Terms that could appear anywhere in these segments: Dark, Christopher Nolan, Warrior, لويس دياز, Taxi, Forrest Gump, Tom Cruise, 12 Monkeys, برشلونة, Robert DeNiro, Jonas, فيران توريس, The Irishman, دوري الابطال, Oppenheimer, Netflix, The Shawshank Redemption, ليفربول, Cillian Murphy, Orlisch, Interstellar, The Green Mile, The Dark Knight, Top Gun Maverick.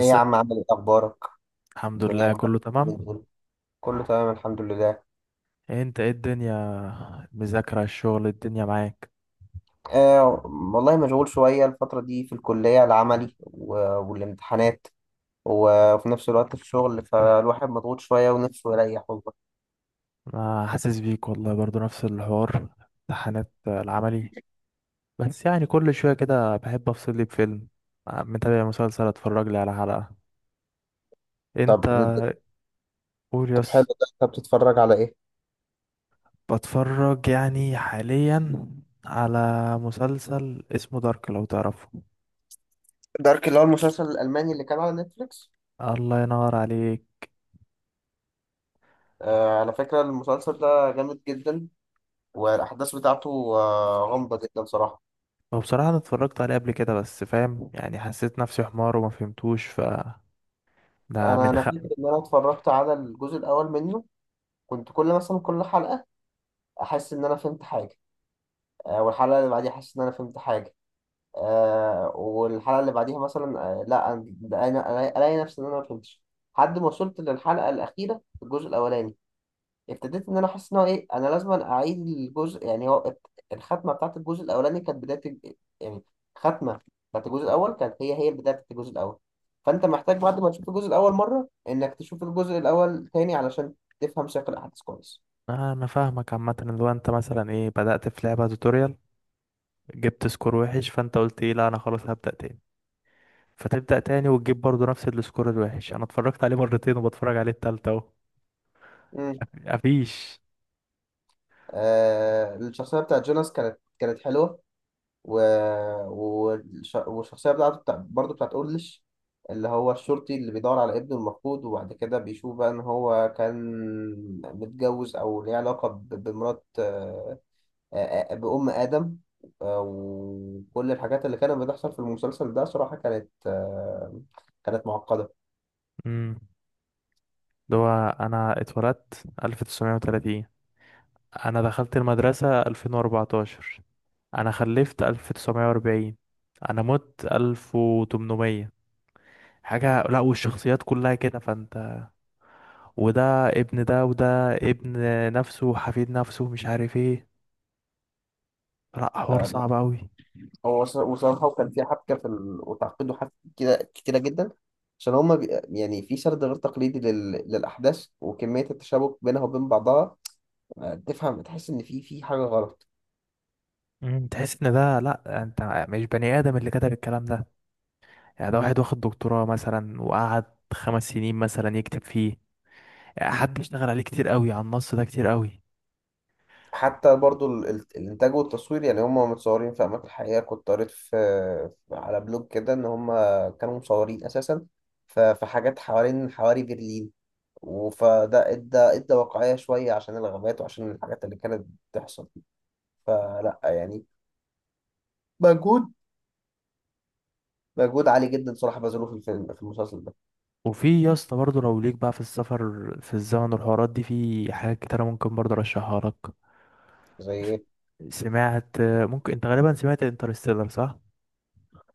ايه يا عم، عامل ايه، اخبارك؟ الحمد الدنيا لله، عامله كله إيه اليومين تمام. دول؟ كله تمام، الحمد لله. انت ايه الدنيا؟ المذاكرة، الشغل، الدنيا معاك؟ آه والله مشغول شويه الفتره دي في الكليه، العملي والامتحانات، وفي نفس الوقت في الشغل، فالواحد مضغوط شويه ونفسه يريح والله. انا حاسس بيك والله، برضو نفس الحوار، امتحانات العملي. بس يعني كل شوية كده بحب افصل لي بفيلم، متابع مسلسل، اتفرج لي على حلقة. انت؟ طب قول طب حلو، يس. ده انت بتتفرج على ايه؟ بتفرج يعني حاليا على مسلسل اسمه دارك، لو تعرفه. دارك، اللي هو المسلسل الالماني اللي كان على نتفليكس. الله ينور عليك. على فكره المسلسل ده جامد جدا، والاحداث بتاعته غامضه جدا صراحه. هو بصراحة انا اتفرجت عليه قبل كده، بس فاهم يعني حسيت نفسي حمار وما فهمتوش، ف ده انا من انا فاكر حقي. ان انا اتفرجت على الجزء الاول منه، كنت كل مثلا كل حلقه احس ان انا فهمت حاجه، والحلقه اللي بعديها احس ان انا فهمت حاجه، والحلقه اللي بعديها مثلا لا الاقي نفسي ان انا ما فهمتش، لحد ما وصلت للحلقه الاخيره في الجزء الاولاني ابتديت ان انا احس ان هو ايه، انا لازم اعيد الجزء، يعني هو الختمه بتاعت الجزء الاولاني كانت بدايه يعني الختمه بتاعت الجزء الاول كانت هي هي البدايه بتاعت الجزء الاول، فانت محتاج بعد ما تشوف الجزء الاول مره انك تشوف الجزء الاول تاني علشان تفهم سياق الاحداث كويس. انا فاهمك، عامه اللي هو انت مثلا ايه، بدأت في لعبه توتوريال، جبت سكور وحش، فانت قلت ايه، لا انا خلاص هبدأ تاني. فتبدأ تاني وتجيب برضو نفس السكور الوحش. انا اتفرجت عليه مرتين وبتفرج عليه التالتة اهو. مم. مفيش. الشخصية بتاعت جوناس كانت حلوة، و... والشخصية بتاعته برضه بتاعت أورليش، اللي هو الشرطي اللي بيدور على ابنه المفقود، وبعد كده بيشوف بقى إن هو كان متجوز أو ليه علاقة بمرات بأم آدم. وكل الحاجات اللي كانت بتحصل في المسلسل ده صراحة كانت كانت معقدة. امم اللي هو انا اتولدت 1930، انا دخلت المدرسه 2014، انا خلفت 1940، انا مت 1800. حاجه، لا، والشخصيات كلها كده، فانت وده ابن ده، وده ابن نفسه، حفيد نفسه، مش عارف ايه. لا، حوار صعب قوي. هو وصراحة وكان في حبكة في وتعقيده حبكة كده كتيرة جدا، عشان هما يعني في سرد غير تقليدي للأحداث وكمية التشابك بينها وبين بعضها، تفهم تحس إن في حاجة غلط. تحس ان ده، لا، انت مش بني ادم اللي كتب الكلام ده. يعني ده واحد واخد دكتوراه مثلا وقعد 5 سنين مثلا يكتب فيه. يعني حد اشتغل عليه كتير قوي، على النص ده كتير قوي. حتى برضو الإنتاج والتصوير، يعني هما متصورين في أماكن حقيقية. كنت قريت على بلوج كده إن هما كانوا مصورين أساسا في حاجات حوالين حواري برلين، فده ادى واقعية شوية، عشان الغابات وعشان الحاجات اللي كانت بتحصل. فلا يعني مجهود مجهود عالي جدا صراحة بذلوه في المسلسل ده. وفي يا اسطى برضه لو ليك بقى في السفر في الزمن والحوارات دي، في حاجات كتيرة ممكن برضه ارشحها لك. زي ايه؟ سمعت، ممكن انت غالبا سمعت انترستيلر، صح؟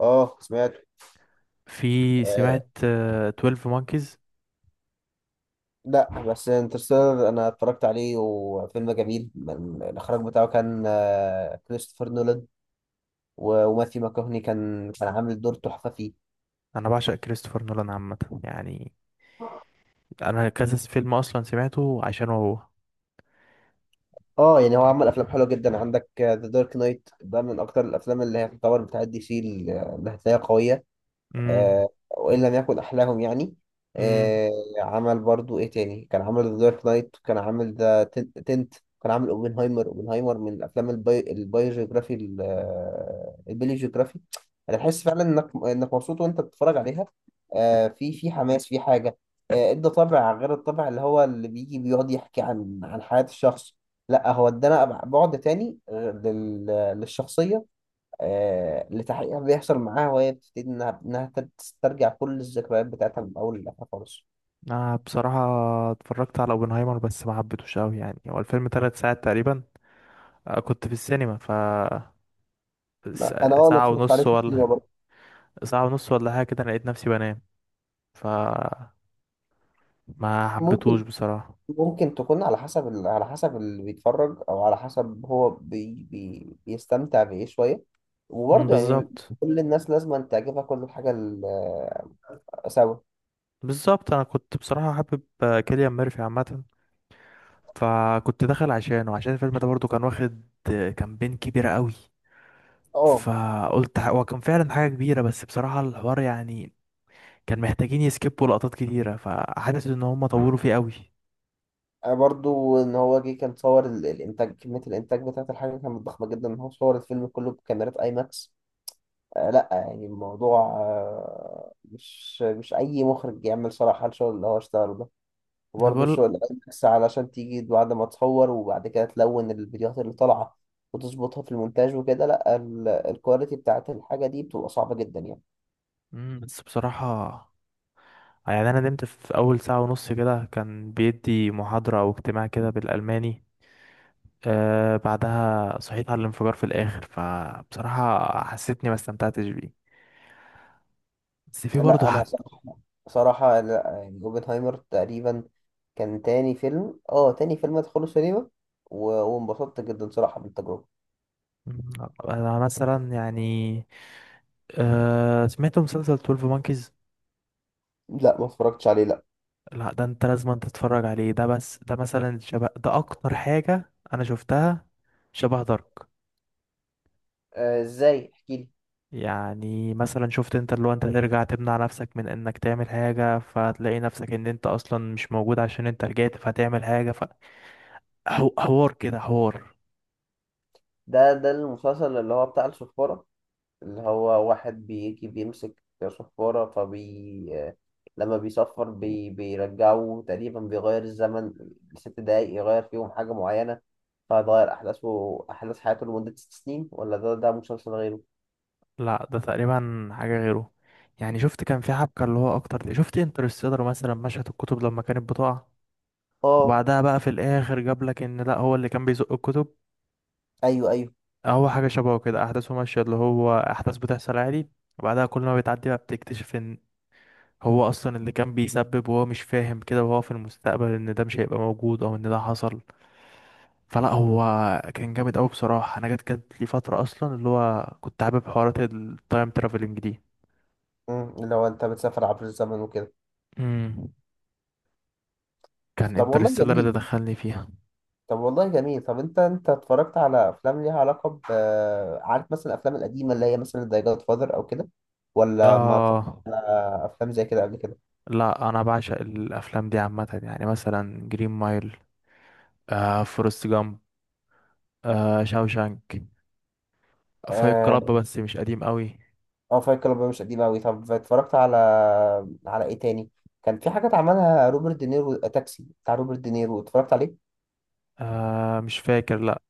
اه، سمعته. في آه سمعت 12 مونكيز. لا بس انترستيلر انا اتفرجت عليه وفيلم جميل، الاخراج بتاعه كان كريستوفر نولان، وماثيو ماكوهني كان عامل دور تحفة فيه. انا بعشق كريستوفر نولان عامه، يعني انا كذا فيلم اصلا سمعته عشان هو. اه، يعني هو عمل افلام حلوة جدا، عندك ذا دارك نايت، ده من اكتر الافلام اللي هي تعتبر بتاعت دي سي اللي هتلاقيها قوية، امم وإن لم يكن أحلاهم يعني. امم آه، عمل برضو إيه تاني؟ كان عمل ذا دارك نايت، وكان عامل ذا تنت، كان عامل أوبنهايمر من الأفلام البايوجيوغرافي البيليوجيوغرافي. أنا بحس فعلا إنك مبسوط وأنت بتتفرج عليها، في حماس في حاجة، إدى طابع غير الطابع اللي هو اللي بيجي بيقعد يحكي عن حياة الشخص. لا، هو ادانا بعد تاني للشخصية، لتحقيق اللي بيحصل معاها، وهي بتبتدي إنها تسترجع كل الذكريات بتاعتها من أول لآخر خالص. انا بصراحه اتفرجت على اوبنهايمر، بس ما حبيتهوش قوي، يعني هو الفيلم 3 ساعات تقريبا. كنت في السينما، ف لا، أنا ساعه اتفرجت عليه ونص في ولا السينما برضه. ساعه ونص ولا حاجه كده، أنا لقيت نفسي بنام. ف ما حبيتهوش ممكن بصراحه. ممكن تكون على حسب على حسب اللي بيتفرج، أو على حسب هو بي بي بيستمتع بإيه شوية، مم، وبرضه يعني بالظبط. كل الناس لازم أن تعجبها كل الحاجة سوا. بالظبط، انا كنت بصراحه حابب كيليان ميرفي عامه، فكنت داخل عشانه، عشان الفيلم ده برضو كان واخد كامبين كبيره قوي. أه. فقلت، هو كان فعلا حاجة كبيرة، بس بصراحة الحوار يعني كان محتاجين يسكيبوا لقطات كتيرة، فحاسس ان هم طوروا فيه قوي. برضه إن هو جه كان صور الإنتاج، كمية الإنتاج بتاعت الحاجة كانت ضخمة جدا، إن هو صور الفيلم كله بكاميرات أي ماكس. لا يعني الموضوع مش اي مخرج يعمل صراحة الشغل اللي هو اشتغله ده. انا وبرضه الشغل بقول. اللي بس علشان تيجي بعد ما تصور وبعد كده تلون الفيديوهات اللي طالعة وتظبطها في المونتاج وكده، لا الكواليتي بتاعت الحاجة دي بتبقى صعبة جدا يعني. بس بصراحة يعني انا نمت في اول ساعة ونص كده، كان بيدي محاضرة او اجتماع كده بالالماني. بعدها صحيت على الانفجار في الاخر، فبصراحة حسيتني ما استمتعتش بيه. بس في برضه لا انا حاجة. صراحة، لا يعني اوبنهايمر تقريبا كان تاني فيلم ادخله سينما، وانبسطت جدا صراحة بالتجربة. مم، انا مثلا يعني سمعت مسلسل 12 مونكيز. لا ما اتفرجتش عليه، لا. لا ده انت لازم أن تتفرج عليه ده، بس ده لا مثلا شبه ده اكتر حاجة انا شفتها، شبه دارك. ازاي؟ احكي لي. يعني مثلا شفت انت اللي هو انت ترجع تمنع نفسك من انك تعمل حاجة، فتلاقي نفسك ان انت اصلا مش موجود عشان انت رجعت فتعمل حاجة. فحوار كده، حوار. ده المسلسل اللي هو بتاع الصفارة، اللي هو واحد بيجي بيمسك صفارة فبي، لما بيصفر بيرجعه تقريبا، بيغير الزمن 6 دقايق، يغير فيهم حاجة معينة، فهيغير أحداثه أحداث حياته لمدة 6 سنين، ولا ده مسلسل غيره؟ لا ده تقريبا حاجة غيره. يعني شفت، كان في حبكة اللي هو اكتر، شفت انترستيلر مثلا مشهد الكتب لما كانت بتقع؟ اه، وبعدها بقى في الاخر جاب لك ان لا، هو اللي كان بيزق الكتب. ايوه، ايوه. هو حاجة شبهه كده، أحداثه ماشية اللي هو أحداث بتحصل عادي، وبعدها كل ما بتعدي بقى بتكتشف إن هو أصلا اللي كان بيسبب، وهو مش فاهم كده، وهو في المستقبل إن ده مش هيبقى موجود أو إن ده حصل. فلا، هو كان جامد أوي بصراحة. أنا جت لي فترة أصلا اللي هو كنت حابب حوارات التايم ترافلنج دي. اللي هو انت بتسافر عبر الزمن وكده. امم، كان طب والله انترستيلر اللي جميل. دخلني فيها. طب انت اتفرجت على افلام ليها علاقه ب... عارف مثلا الافلام القديمه اللي هي مثلا زي جاد فاذر او كده، ولا ما اتفرجت آه على افلام زي كده قبل كده؟ لا، أنا بعشق الأفلام دي عامة، يعني مثلا جرين مايل، فورست جامب، شاوشانك، فايت اه. كلاب بس مش قديم قوي. اه، فايت كلاب مش قديم قوي. طب اتفرجت على ايه تاني؟ كان في حاجات عملها روبرت دينيرو، تاكسي بتاع روبرت دينيرو اتفرجت عليه. مش فاكر، لا.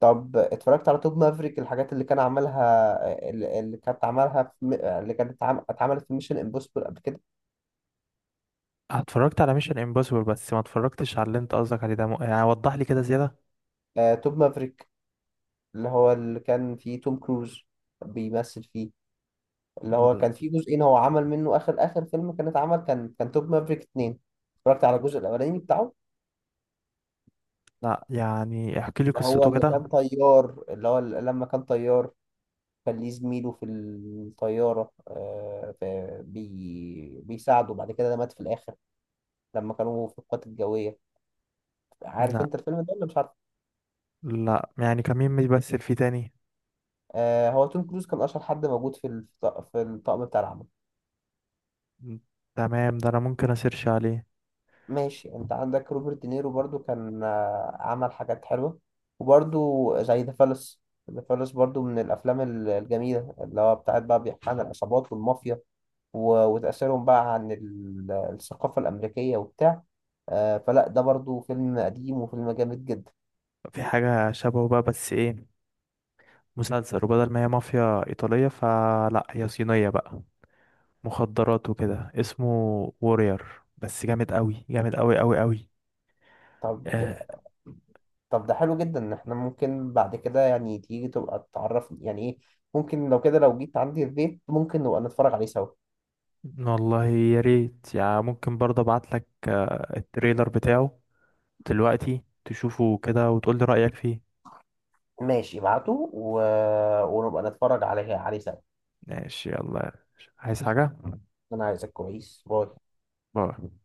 طب اتفرجت على توب مافريك، الحاجات اللي كان عملها اللي كانت عملها اللي كانت اتعملت في ميشن امبوسيبل قبل كده، اتفرجت على ميشن امبوسيبل، بس ما اتفرجتش على اللي انت قصدك عليه ده، يعني وضح لي كده زيادة. توب مافريك اللي هو اللي كان فيه توم كروز بيمثل فيه، اللي هو كان فيه جزئين، هو عمل منه آخر آخر فيلم، كان اتعمل كان توب مافريك 2. اتفرجت على الجزء الأولاني بتاعه، لا، يعني احكي لي اللي هو قصته اللي كان كده. طيار، اللي هو لما كان طيار كان ليه زميله في الطيارة، بيساعده، بعد كده ده مات في الآخر لما كانوا في القوات الجوية. عارف لا، أنت الفيلم ده ولا مش عارف؟ لا، يعني كان مين بيمثل فيه تاني؟ هو توم كروز كان أشهر حد موجود في في الطاقم بتاع العمل. تمام، ده انا ممكن اسيرش عليه. ماشي، انت عندك روبرت دينيرو برضو كان عمل حاجات حلوة، وبرضو زي ذا فالس. ذا فالس برضو من الأفلام الجميلة، اللي هو بتاعت بقى بيحكي عن العصابات والمافيا، وتأثيرهم بقى عن الثقافة الأمريكية وبتاع، فلا ده برضو فيلم قديم وفيلم جامد جدا. في حاجة شبهه بقى بس ايه، مسلسل، وبدل ما هي مافيا ايطالية فلا هي صينية بقى، مخدرات وكده، اسمه وورير، بس جامد قوي، جامد قوي قوي قوي. طب آه ده- طب ده حلو جدا ان احنا ممكن بعد كده يعني تيجي تبقى تعرفني يعني ايه. ممكن لو كده لو جيت عندي البيت ممكن نبقى نتفرج عليه سوا. والله يا ريت، يعني ممكن برضه ابعت لك التريلر بتاعه دلوقتي، تشوفه كده وتقول لي رأيك فيه. ماشي، ابعته ونبقى نتفرج عليه سوا. ماشي، يلا. عايز حاجة؟ انا عايزك كويس، باي. باي.